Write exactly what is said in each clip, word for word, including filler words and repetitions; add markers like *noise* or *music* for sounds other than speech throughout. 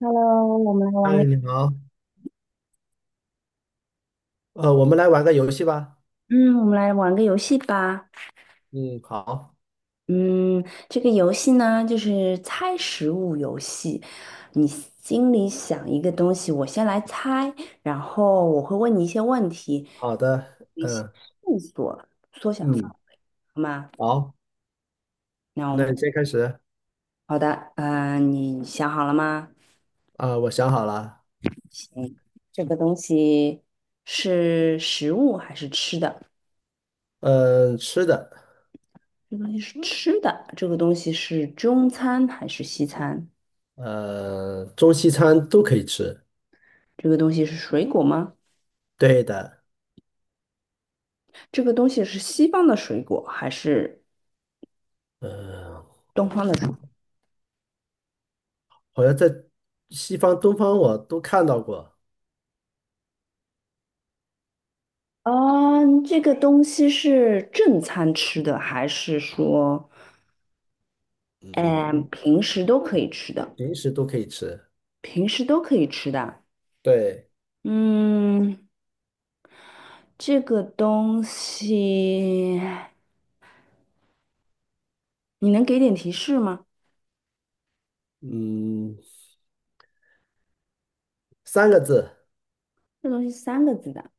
Hello，我们来玩个，嗨，你好。呃，我们来玩个游戏吧。嗯，我们来玩个游戏吧。嗯，好。嗯，这个游戏呢，就是猜食物游戏。你心里想一个东西，我先来猜，然后我会问你一些问题，好的。一些嗯线索，缩小范嗯。围，好吗？好，那我们那你先开始。好的，嗯，你想好了吗？啊，我想好了。行，这个东西是食物还是吃的？嗯，吃的。这个东西是吃的，这个东西是中餐还是西餐？呃，中西餐都可以吃。这个东西是水果吗？对的。这个东西是西方的水果还是嗯，东方的水果？好像在西方、东方我都看到过。啊，这个东西是正餐吃的，还是说，嗯，嗯，平时都可以吃的？平时都可以吃。平时都可以吃的啊。对。嗯，这个东西，你能给点提示吗？嗯，三个字。这东西三个字的。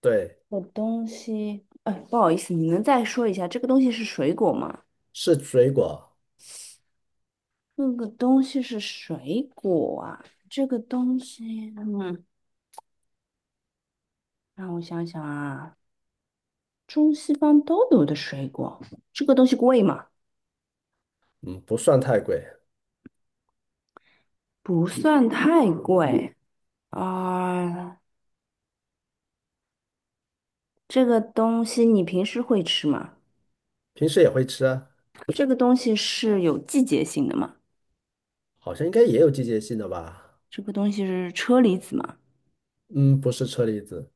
对，这个东西，哎，不好意思，你能再说一下，这个东西是水果吗？是水果。这个东西是水果啊，这个东西，嗯，让我想想啊，中西方都有的水果，这个东西贵吗？嗯，不算太贵。不算太贵啊，这个东西你平时会吃吗？平时也会吃啊。这个东西是有季节性的吗？好像应该也有季节性的吧。这个东西是车厘子吗？嗯，不是车厘子。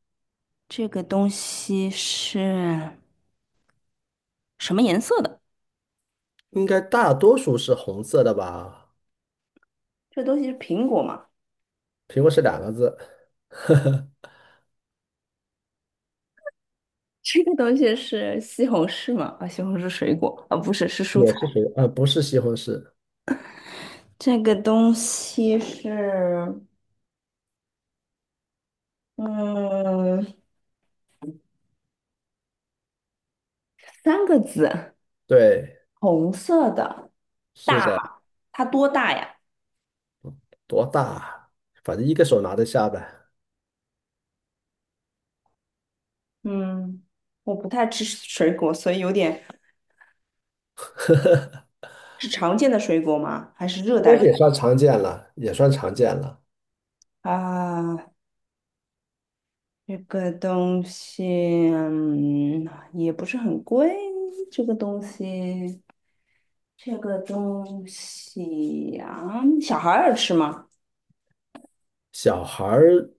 这个东西是什么颜色的？应该大多数是红色的吧？这东西是苹果吗？苹果是两个字。*laughs* *laughs* 这个东西是西红柿吗？啊，西红柿水果啊，不是，是蔬也是菜。水，啊，不是西红柿。这个东西是，嗯，三个字，对，红色的，是大的。吗？它多大呀？多大？反正一个手拿得下呗。嗯，我不太吃水果，所以有点，是常见的水果吗？还是热应该带是水也算常见了，也算常见了。啊？这个东西，嗯，也不是很贵。这个东西，这个东西呀，小孩儿吃吗？小孩儿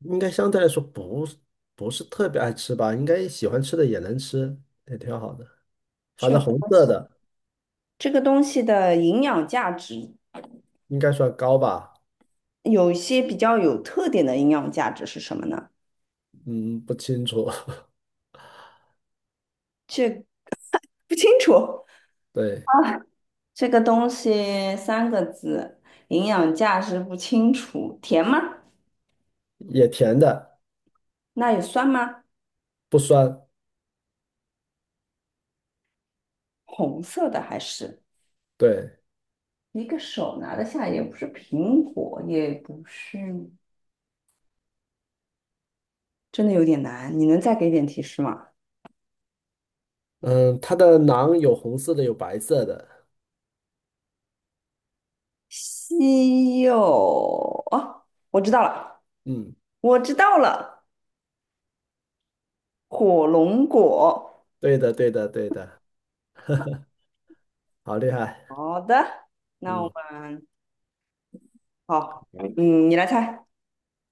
应该相对来说不是不是特别爱吃吧，应该喜欢吃的也能吃，也挺好的。反这正红个色的这个东西的营养价值。应该算高吧。有一些比较有特点的营养价值是什么呢？嗯，不清楚。这不清楚。*laughs* 对，这个东西三个字，营养价值不清楚。甜吗？也甜的，那有酸吗？不酸。红色的还是对。一个手拿得下，也不是苹果，也不是，真的有点难。你能再给点提示吗？嗯，它的囊有红色的，有白色的。西柚哦，我知道了，嗯，我知道了，火龙果。对的，对的，对的。好厉害。好的，那我嗯们。好，嗯，你来猜。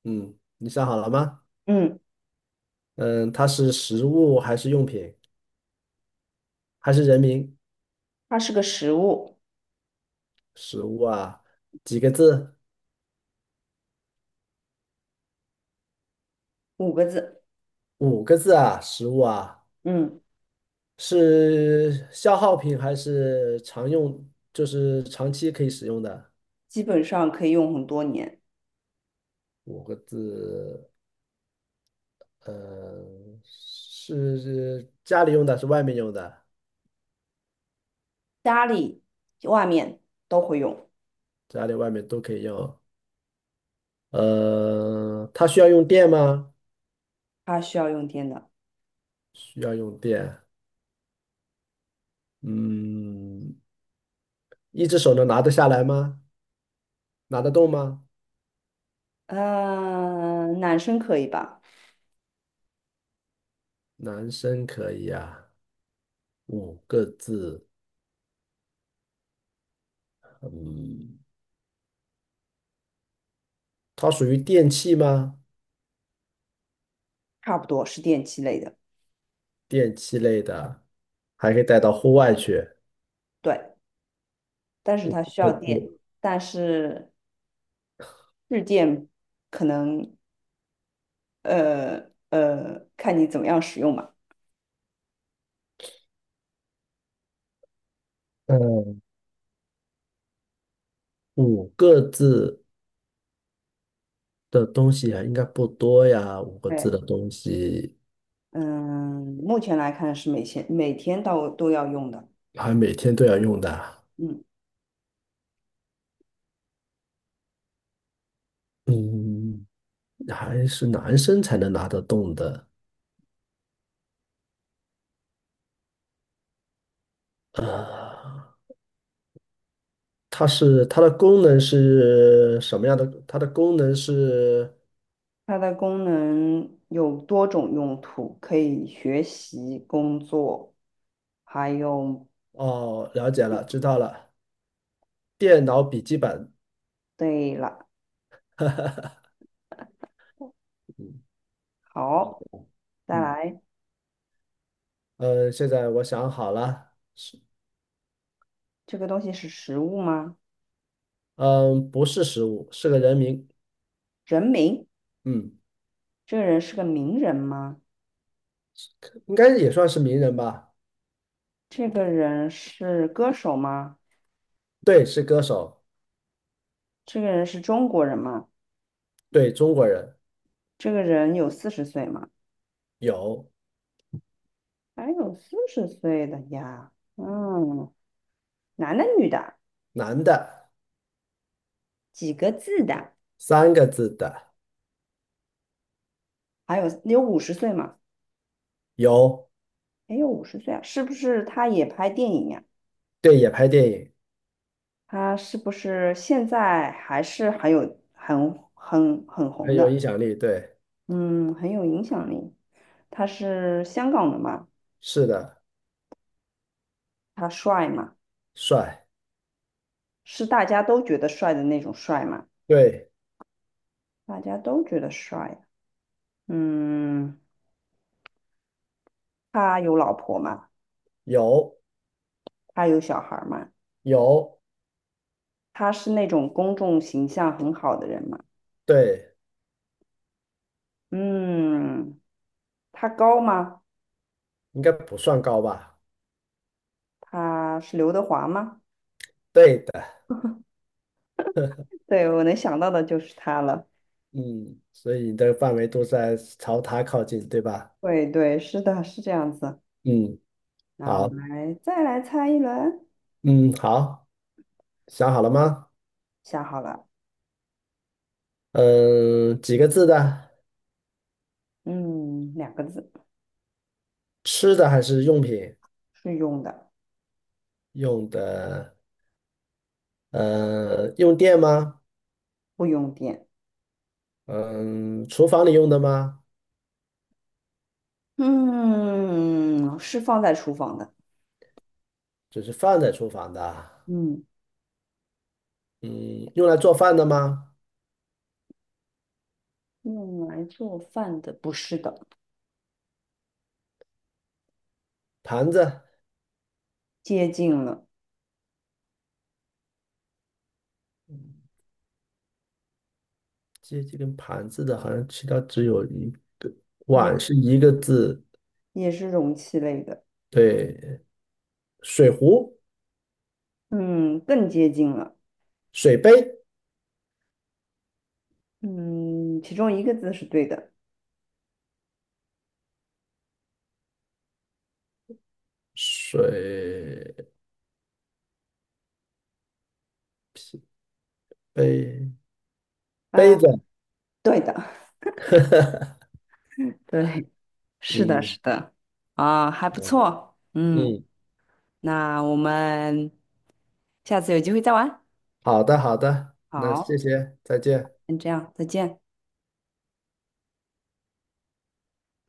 嗯，你想好了吗？嗯，嗯，它是食物还是用品还是人名？它是个食物，食物啊，几个字？五个字。五个字啊，食物啊，嗯，是消耗品还是常用？就是长期可以使用的基本上可以用很多年，五个字。呃，是家里用的，是外面用的。家里、外面都会用。家里外面都可以用。呃，它需要用电吗？它需要用电的。需要用电。嗯，一只手能拿得下来吗？拿得动吗？嗯、男生可以吧？男生可以啊。五个字。嗯，它属于电器吗？差不多是电器类的。电器类的，还可以带到户外去。对，但是它需不要电，不。但是日电可能呃呃，看你怎么样使用吧。嗯，五个字的东西还应该不多呀，五个字对，的东西嗯，目前来看是每天每天到都要用的。还每天都要用的。嗯。嗯，还是男生才能拿得动的。呃，它是它的功能是什么样的？它的功能是它的功能有多种用途，可以学习、工作，还有，哦，了解了，知道了，电脑笔记本。对了，嗯好，再嗯。来，呃，现在我想好了。这个东西是食物吗？嗯，不是食物，是个人名。人名，嗯，这个人是个名人吗？应该也算是名人吧？这个人是歌手吗？对，是歌手。这个人是中国人吗？对，中国人。这个人有四十岁吗？有。还有四十岁的呀，嗯，男的女的，男的。几个字的？三个字的。还有有五十岁吗？有。没有五十岁啊，是不是他也拍电影呀？对，也拍电影。他是不是现在还是很有很很很红很有影的？响力。对，嗯，很有影响力。他是香港的嘛？是的。他帅嘛？帅。是大家都觉得帅的那种帅嘛？对。大家都觉得帅啊。嗯，他有老婆嘛？有他有小孩嘛？有。他是那种公众形象很好的人嘛？对，嗯，他高吗？应该不算高吧？他是刘德华吗？对的。*laughs* 对，我能想到的就是他了。嗯，所以你的范围都在朝它靠近，对吧？对对，是的，是这样子。嗯，那我好。们来再来猜一轮，嗯，好。想好了吗？想好了，嗯，几个字的？嗯，两个字，吃的还是用品？是用的，用的。呃，用电吗？不用电，嗯，厨房里用的吗？嗯，是放在厨房的，就是放在厨房的啊。嗯，嗯，用来做饭的吗？用来做饭的，不是的，盘子。接近了，这这跟盘子的好像其他只有一个。也碗是一个字。也是容器类的，对。水壶、嗯，更接近了，水杯、嗯，其中一个字是对的，水杯杯呃，子。对的，*laughs* 对，是的，是嗯的，啊，还不错，嗯，嗯。那我们。下次有机会再玩。好的好的，那谢好，谢，再见。先这样，再见。